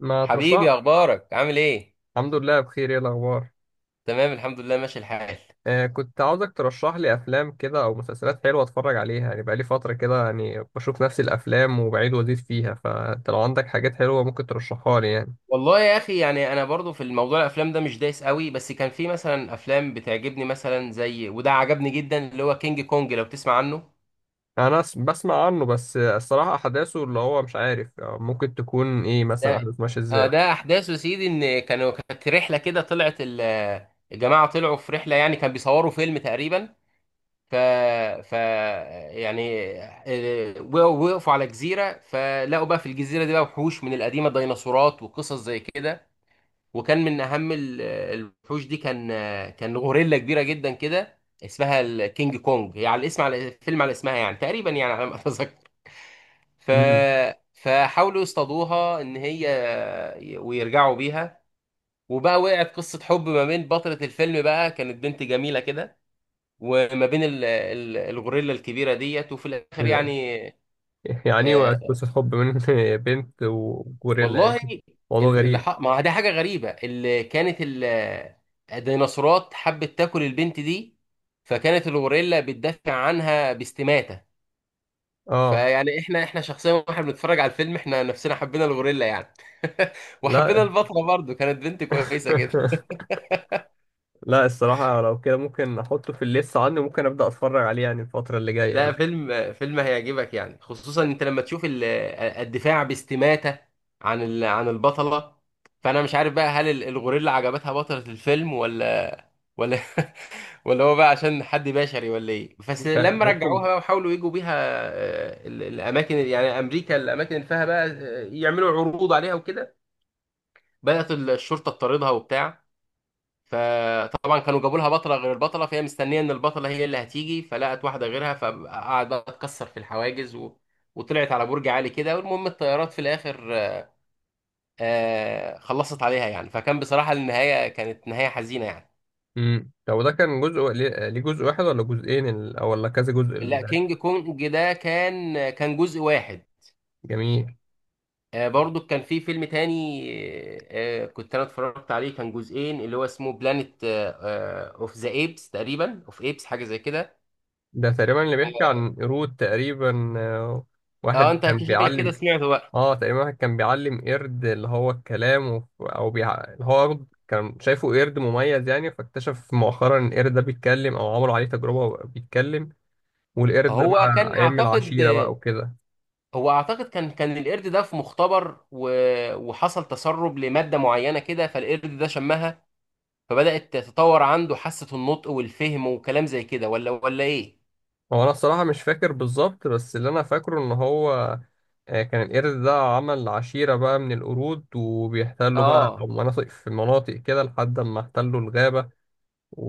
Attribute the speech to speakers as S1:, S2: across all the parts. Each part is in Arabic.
S1: ما ترشح.
S2: حبيبي، اخبارك؟ عامل ايه؟
S1: الحمد لله بخير. ايه الاخبار؟
S2: تمام، الحمد لله، ماشي الحال.
S1: آه، كنت عاوزك ترشح لي افلام كده او مسلسلات حلوه اتفرج عليها، يعني بقالي فتره كده، يعني بشوف نفس الافلام وبعيد وازيد فيها، فانت لو عندك حاجات حلوه ممكن ترشحها لي يعني.
S2: والله يا اخي، يعني انا برضو في الموضوع الافلام ده مش دايس قوي، بس كان في مثلا افلام بتعجبني، مثلا زي وده عجبني جدا اللي هو كينج كونج، لو تسمع عنه.
S1: انا بسمع عنه بس، الصراحه احداثه اللي هو مش عارف، ممكن تكون ايه مثلا
S2: ده
S1: احداث ماشيه
S2: اه،
S1: ازاي؟
S2: ده احداثه يا سيدي، ان كانوا كانت رحله كده، طلعت الجماعه طلعوا في رحله، يعني كان بيصوروا فيلم تقريبا. ف ف يعني وقفوا على جزيره، فلقوا بقى في الجزيره دي بقى وحوش من القديمه، ديناصورات وقصص زي كده. وكان من اهم الوحوش دي كان غوريلا كبيره جدا كده، اسمها الكينج كونج، هي على الاسم على فيلم على اسمها يعني تقريبا، يعني على ما اتذكر. ف
S1: امم
S2: فحاولوا يصطادوها ان هي ويرجعوا بيها. وبقى وقعت قصه حب ما بين بطله الفيلم بقى، كانت بنت جميله كده، وما بين الغوريلا الكبيره ديت. وفي الاخر
S1: كده.
S2: يعني
S1: يعني ايه،
S2: آه،
S1: قصه حب من بنت وجوريلا يعني؟
S2: والله
S1: موضوع غريب.
S2: ما دي حاجة غريبة. اللي كانت الديناصورات حبت تاكل البنت دي، فكانت الغوريلا بتدافع عنها باستماتة.
S1: اه.
S2: فيعني احنا شخصيا واحنا بنتفرج على الفيلم، احنا نفسنا حبينا الغوريلا يعني. وحبينا
S1: لا.
S2: البطلة، برضو كانت بنت كويسة كده.
S1: لا الصراحة لو كده ممكن أحطه في الليست عندي، وممكن أبدأ أتفرج عليه يعني الفترة اللي جاية
S2: لا،
S1: دي.
S2: فيلم فيلم هيعجبك يعني، خصوصا انت لما تشوف الدفاع باستماتة عن عن البطلة. فانا مش عارف بقى، هل الغوريلا عجبتها بطلة الفيلم، ولا ولا ولا هو بقى عشان حد بشري، ولا ايه؟ بس
S1: ممكن
S2: لما رجعوها
S1: ممكن.
S2: بقى وحاولوا يجوا بيها الاماكن، يعني امريكا، الاماكن اللي فيها بقى يعملوا عروض عليها وكده، بدأت الشرطة تطاردها وبتاع. فطبعا كانوا جابوا لها بطله غير البطله، فهي مستنيه ان البطله هي اللي هتيجي، فلقت واحده غيرها، فقعد بقى تكسر في الحواجز وطلعت على برج عالي كده. والمهم الطيارات في الاخر آه خلصت عليها يعني. فكان بصراحه النهايه كانت نهايه حزينه يعني.
S1: طب ده كان جزء، ليه جزء واحد ولا جزئين، أو ولا كذا جزء
S2: لا،
S1: ده؟
S2: كينج كونج ده كان جزء واحد.
S1: جميل.
S2: آه، برضو كان في فيلم تاني، آه، كنت انا اتفرجت عليه، كان جزئين، اللي هو اسمه بلانيت اوف ذا ايبس تقريبا، اوف ايبس، حاجه زي كده.
S1: ده تقريبا اللي بيحكي عن قرود تقريبا،
S2: اه
S1: واحد
S2: انت
S1: كان
S2: شكلك كده
S1: بيعلم
S2: سمعته بقى.
S1: اه تقريبا، واحد كان بيعلم قرد اللي هو الكلام أو اللي هو قرد كان شايفه قرد مميز يعني، فاكتشف مؤخرا إن القرد ده بيتكلم أو عملوا عليه تجربة بيتكلم. والقرد ده
S2: هو
S1: بقى
S2: كان
S1: يعمل
S2: اعتقد
S1: عشيرة بقى وكده.
S2: هو اعتقد كان القرد ده في مختبر وحصل تسرب لماده معينه كده، فالقرد ده شمها، فبدات تتطور عنده حاسه النطق والفهم وكلام زي كده، ولا ايه؟
S1: هو انا الصراحه مش فاكر بالظبط، بس اللي انا فاكره ان هو كان القرد ده عمل عشيره بقى من القرود، وبيحتلوا بقى
S2: اه
S1: مناطق في مناطق كده لحد ما احتلوا الغابه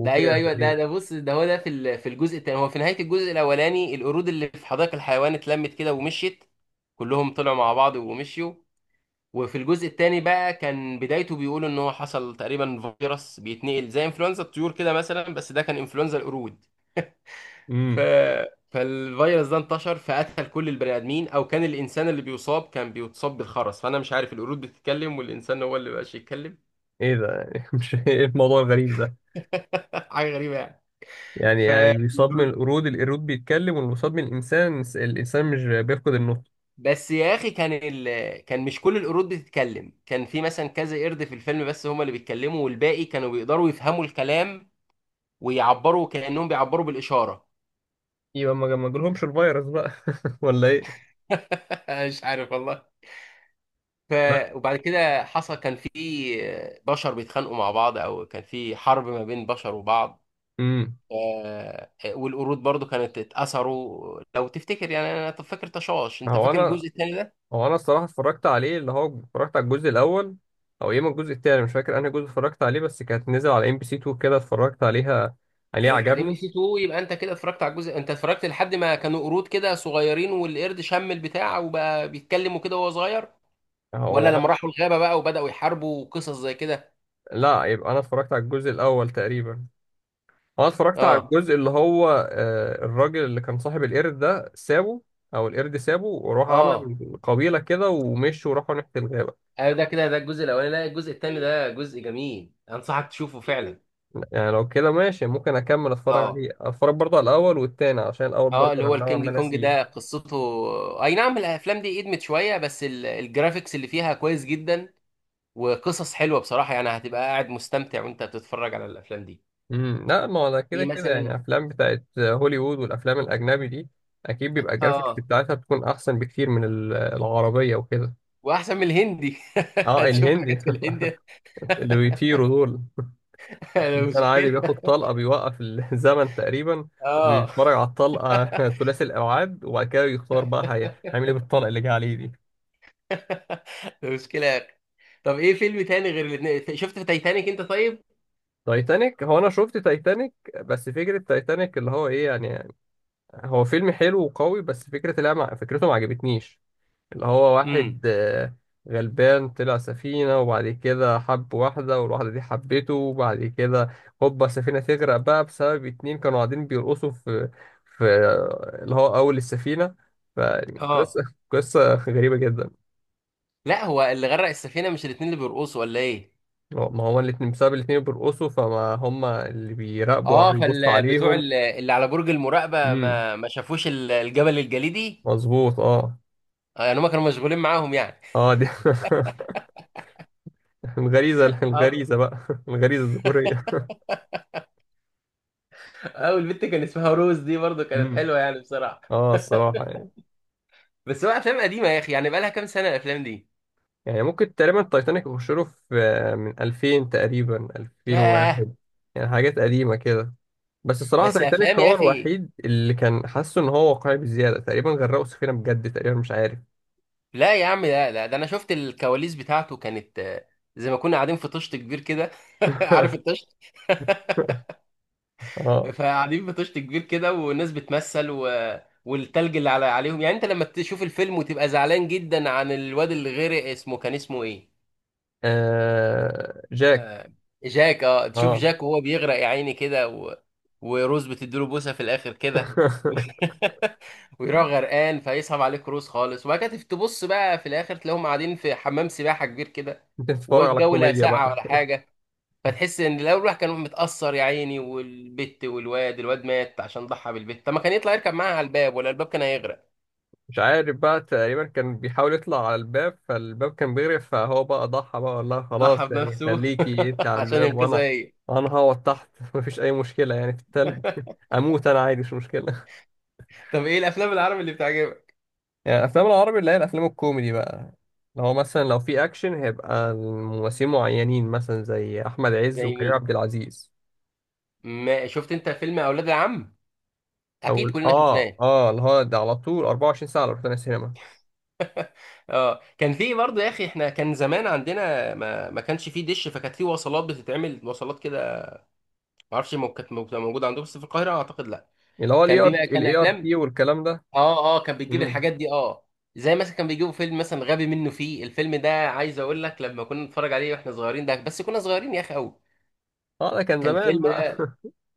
S2: ده، ايوه ايوه ده
S1: تقريبا.
S2: ده بص ده هو ده في في الجزء الثاني. هو في نهايه الجزء الاولاني القرود اللي في حدائق الحيوان اتلمت كده ومشيت، كلهم طلعوا مع بعض ومشيوا. وفي الجزء الثاني بقى، كان بدايته بيقول ان هو حصل تقريبا فيروس بيتنقل زي انفلونزا الطيور كده مثلا، بس ده كان انفلونزا القرود. ف...
S1: امم
S2: فالفيروس ده انتشر، فقتل كل البني ادمين، او كان الانسان اللي بيصاب كان بيتصاب بالخرس. فانا مش عارف، القرود بتتكلم والانسان هو اللي مبقاش يتكلم.
S1: ايه ده يعني؟ مش ايه الموضوع الغريب ده؟
S2: حاجه غريبه يعني.
S1: يعني
S2: ف
S1: يعني اللي بيصاب من القرود، القرود بيتكلم، واللي بيصاب من الانسان، الانسان مش بيفقد النطق.
S2: بس يا اخي، كان كان مش كل القرود بتتكلم، كان في مثلا كذا قرد في الفيلم بس هما اللي بيتكلموا، والباقي كانوا بيقدروا يفهموا الكلام، ويعبروا، كانهم بيعبروا بالاشاره.
S1: يبقى ما جالهمش الفيروس بقى ولا ايه؟
S2: مش عارف والله. ف...
S1: لا.
S2: وبعد كده حصل، كان في بشر بيتخانقوا مع بعض، او كان في حرب ما بين بشر وبعض.
S1: امم
S2: آه، والقرود برضو كانت اتأثروا، لو تفتكر يعني. انا طب فاكر تشاش،
S1: ما
S2: انت
S1: هو
S2: فاكر
S1: انا
S2: الجزء الثاني ده؟
S1: هو انا الصراحه اتفرجت عليه، اللي هو اتفرجت على الجزء الاول، او يا اما الجزء التاني، مش فاكر انهي جزء اتفرجت عليه، بس كانت نزل على ام بي سي 2 كده اتفرجت عليها، عليه، حلو
S2: الام بي
S1: عجبني.
S2: سي 2، يبقى انت كده اتفرجت على الجزء، انت اتفرجت لحد ما كانوا قرود كده صغيرين، والقرد شم البتاع وبقى بيتكلموا كده وهو صغير؟ ولا
S1: هو
S2: لما راحوا الغابة بقى وبدأوا يحاربوا وقصص زي كده؟
S1: لا، يبقى انا اتفرجت على الجزء الاول تقريبا. انا اتفرجت على
S2: اه
S1: الجزء اللي هو، الراجل اللي كان صاحب القرد ده سابه، او القرد سابه وراح
S2: اه
S1: عمل قبيله كده ومشوا وراحوا ناحيه الغابه.
S2: ايوه ده كده، ده الجزء الاولاني. لا، الجزء الثاني ده جزء جميل، انصحك تشوفه فعلا.
S1: يعني لو كده ماشي، ممكن اكمل اتفرج
S2: اه،
S1: عليه، اتفرج برضه على الاول والتاني عشان الاول
S2: اه،
S1: برضه
S2: اللي هو
S1: كان نوعا
S2: الكينج
S1: ما
S2: كونج ده
S1: ناسيه.
S2: قصته. اي نعم، الافلام دي ادمت شويه، بس الجرافيكس اللي فيها كويس جدا، وقصص حلوه بصراحه، يعني هتبقى قاعد مستمتع وانت بتتفرج على الافلام دي.
S1: لا ما هو ده كده
S2: ايه
S1: كده يعني
S2: مثلا؟
S1: افلام بتاعت هوليوود والافلام الاجنبي دي اكيد بيبقى الجرافيكس
S2: اه،
S1: بتاعتها بتكون احسن بكتير من العربيه وكده.
S2: واحسن من الهندي.
S1: اه
S2: هتشوف
S1: الهندي.
S2: حاجات في الهندي.
S1: اللي بيطيروا دول،
S2: ده
S1: الانسان عادي
S2: مشكله.
S1: بياخد طلقه، بيوقف الزمن تقريبا،
S2: اه.
S1: وبيتفرج على الطلقه ثلاثي الابعاد وبعد كده يختار بقى هيعمل ايه بالطلقه اللي جه عليه دي.
S2: ده مشكله يا اخي. طب ايه فيلم تاني غير الاثنين، شفت في تايتانيك انت طيب؟
S1: تايتانيك، هو انا شفت تايتانيك، بس فكره تايتانيك اللي هو ايه يعني، هو فيلم حلو وقوي، بس فكره، لا، فكرته ما عجبتنيش. اللي هو
S2: امم.
S1: واحد غلبان طلع سفينة، وبعد كده حب واحدة والواحدة دي حبته، وبعد كده هوبا السفينة تغرق بقى بسبب اتنين كانوا قاعدين بيرقصوا في اللي هو أول السفينة.
S2: اه،
S1: فقصة، قصة غريبة جدا.
S2: لا هو اللي غرق السفينه مش الاثنين اللي بيرقصوا، ولا ايه؟
S1: ما هو الاتنين، بسبب الاتنين بيرقصوا، فما هما اللي بيراقبوا أو
S2: اه
S1: بيبصوا
S2: فال بتوع
S1: عليهم.
S2: اللي على برج المراقبه
S1: امم
S2: ما شافوش الجبل الجليدي.
S1: مظبوط اه.
S2: يعني هم كانوا مشغولين معاهم يعني.
S1: اه، دي الغريزة، الغريزة بقى، الغريزة الذكورية.
S2: اه، والبت كان اسمها روز دي برضه كانت
S1: امم
S2: حلوه يعني بصراحه.
S1: اه الصراحة يعني.
S2: بس هو افلام قديمه يا اخي، يعني بقالها كام سنه الافلام دي.
S1: يعني ممكن تقريبا التايتانيك يخش له في، من 2000 تقريبا،
S2: ياه.
S1: 2001، يعني حاجات قديمة كده. بس الصراحة
S2: بس
S1: تايتانيك
S2: افلام يا
S1: هو
S2: اخي.
S1: الوحيد اللي كان حاسه ان هو واقعي بزيادة، تقريبا غرقوا سفينة بجد تقريبا، مش عارف.
S2: لا يا عم، لا، لا، ده انا شفت الكواليس بتاعته، كانت زي ما كنا قاعدين في طشت كبير كده. عارف الطشت؟
S1: اه،
S2: فقاعدين في طشت كبير كده، والناس بتمثل والتلج اللي على عليهم. يعني انت لما تشوف الفيلم وتبقى زعلان جدا عن الواد اللي غرق، اسمه كان اسمه ايه؟
S1: جاك.
S2: آه، جاك. اه تشوف
S1: اه.
S2: جاك وهو بيغرق يا عيني كده وروز بتديله بوسه في الاخر كده. ويروح غرقان، فيصعب عليك روز خالص، وبعد كده تبص بقى في الاخر تلاقيهم قاعدين في حمام سباحه كبير كده،
S1: انت بتتفرج على
S2: والجو لا
S1: الكوميديا
S2: ساقعه
S1: بقى.
S2: ولا حاجه. فتحس ان لو الواحد كان متاثر يا عيني، والبت والواد، مات عشان ضحى بالبت، طب ما كان يطلع يركب معاها على الباب، ولا الباب كان هيغرق؟
S1: مش عارف بقى، تقريبا كان بيحاول يطلع على الباب فالباب كان بيغرق، فهو بقى ضحى بقى وقال لها
S2: ضحى
S1: خلاص، يعني
S2: بنفسه.
S1: خليكي انت على
S2: عشان
S1: الباب
S2: ينقذها
S1: وانا
S2: هي.
S1: انا هقعد تحت. مفيش اي مشكله يعني في التلج. اموت انا عادي مش مشكله.
S2: طب ايه الافلام العربي اللي بتعجبك؟
S1: يعني الافلام العربي اللي هي الافلام الكوميدي بقى، لو مثلا لو في اكشن هيبقى الممثلين معينين مثلا زي احمد عز
S2: زي
S1: وكريم
S2: مين؟
S1: عبد العزيز.
S2: ما شفت انت فيلم اولاد العم؟
S1: او
S2: اكيد كلنا
S1: اه
S2: شفناه.
S1: اه اللي هو ده على طول 24 ساعه لو رحنا السينما.
S2: اه، كان في برضه يا اخي، احنا كان زمان عندنا ما كانش فيه دش، فكانت فيه وصلات بتتعمل، وصلات كده. ما اعرفش موجوده عندكم، بس في القاهره اعتقد لا.
S1: اللي هو الاي
S2: كان
S1: ار،
S2: بيبقى كان
S1: الاي ار تي،
S2: افلام.
S1: والكلام ده.
S2: اه، اه، كان بتجيب
S1: امم
S2: الحاجات دي اه. زي مثلا كان بيجيبوا فيلم مثلا غبي منه، فيه الفيلم ده عايز اقول لك لما كنا نتفرج عليه واحنا صغيرين ده، بس كنا صغيرين يا اخي قوي
S1: اه ده كان
S2: كان
S1: زمان
S2: الفيلم
S1: بقى.
S2: ده.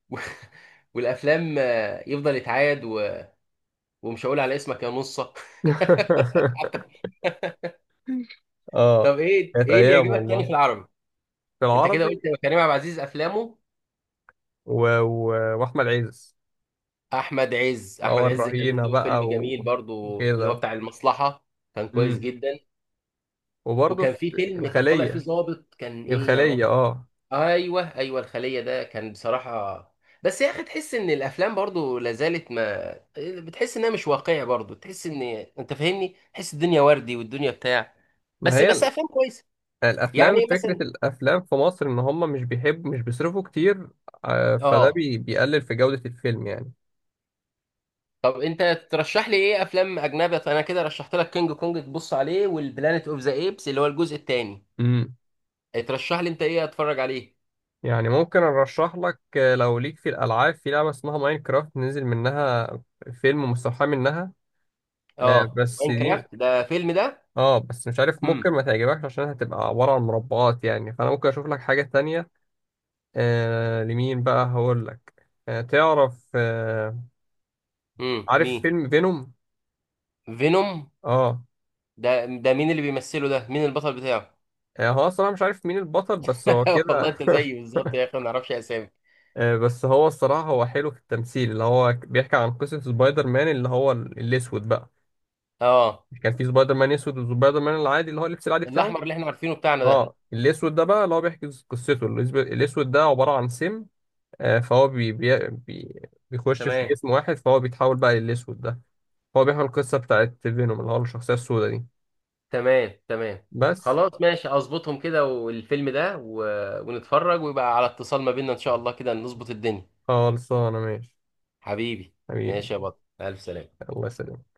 S2: والافلام يفضل يتعاد ومش هقول على اسمك يا نصه.
S1: اه
S2: طب ايه
S1: كانت
S2: ايه اللي
S1: ايام
S2: يعجبك تاني في
S1: والله.
S2: العربي؟
S1: في
S2: انت كده
S1: العربي
S2: قلت كريم عبد العزيز افلامه.
S1: و... و... واحمد عز. اللي
S2: احمد
S1: هو
S2: عز كان
S1: الرهينه
S2: له فيلم
S1: بقى
S2: جميل برضو، اللي هو
S1: وكده.
S2: بتاع المصلحة. كان كويس
S1: امم
S2: جدا.
S1: وبرضه
S2: وكان
S1: في
S2: في فيلم كان طالع فيه
S1: الخليه.
S2: ضابط، كان ايه يا رب؟
S1: الخليه اه.
S2: ايوه الخلية ده كان بصراحة. بس يا اخي تحس ان الافلام برضو لازالت ما بتحس انها مش واقعية برضو، تحس ان انت فاهمني، تحس الدنيا وردي والدنيا بتاع.
S1: ما هي
S2: بس افلام كويسة. يعني
S1: الافلام، فكره
S2: مثلا؟
S1: الافلام في مصر ان هم مش بيحبوا، مش بيصرفوا كتير، فده
S2: اه.
S1: بيقلل في جوده الفيلم يعني.
S2: طب انت ترشح لي ايه افلام اجنبي؟ انا كده رشحت لك كينج كونج تبص عليه، والبلانيت اوف ذا ايبس اللي هو الجزء الثاني.
S1: امم
S2: ترشح لي انت ايه اتفرج عليه؟
S1: يعني ممكن ارشح لك، لو ليك في الالعاب في لعبه اسمها ماينكرافت، نزل منها فيلم مستوحى منها.
S2: اه
S1: بس دي،
S2: ماينكرافت ده فيلم ده؟
S1: اه، بس مش عارف ممكن
S2: امم.
S1: ما تعجبكش عشان هتبقى عبارة عن مربعات يعني، فانا ممكن اشوف لك حاجة تانية. لمين بقى هقول لك؟ آه تعرف آه عارف
S2: مين؟
S1: فيلم فينوم؟
S2: فينوم؟
S1: اه.
S2: ده مين اللي بيمثله؟ ده مين البطل بتاعه؟
S1: هو الصراحة مش عارف مين البطل بس هو
S2: والله
S1: كده.
S2: انت زيي بالظبط يا اخي، ما نعرفش اسامي.
S1: بس هو الصراحة هو حلو في التمثيل، اللي هو بيحكي عن قصة سبايدر مان اللي هو الأسود بقى.
S2: اه.
S1: كان في سبايدر مان أسود، وسبايدر مان العادي اللي هو اللبس العادي بتاعه.
S2: الاحمر اللي احنا عارفينه بتاعنا ده.
S1: اه الأسود ده بقى اللي هو بيحكي قصته، الأسود ده عبارة عن سم، فهو بي بي بي بيخش في
S2: تمام،
S1: جسم واحد، فهو بيتحول بقى للأسود ده. هو بيحمل القصة بتاعت فينوم اللي هو الشخصية السوداء دي.
S2: تمام، تمام،
S1: بس.
S2: خلاص ماشي، اظبطهم كده والفيلم ده ونتفرج، ويبقى على اتصال ما بيننا ان شاء الله، كده نظبط الدنيا.
S1: خلصانة ماشي.
S2: حبيبي.
S1: حبيبي.
S2: ماشي يا بطل، ألف سلامة.
S1: الله يسلمك.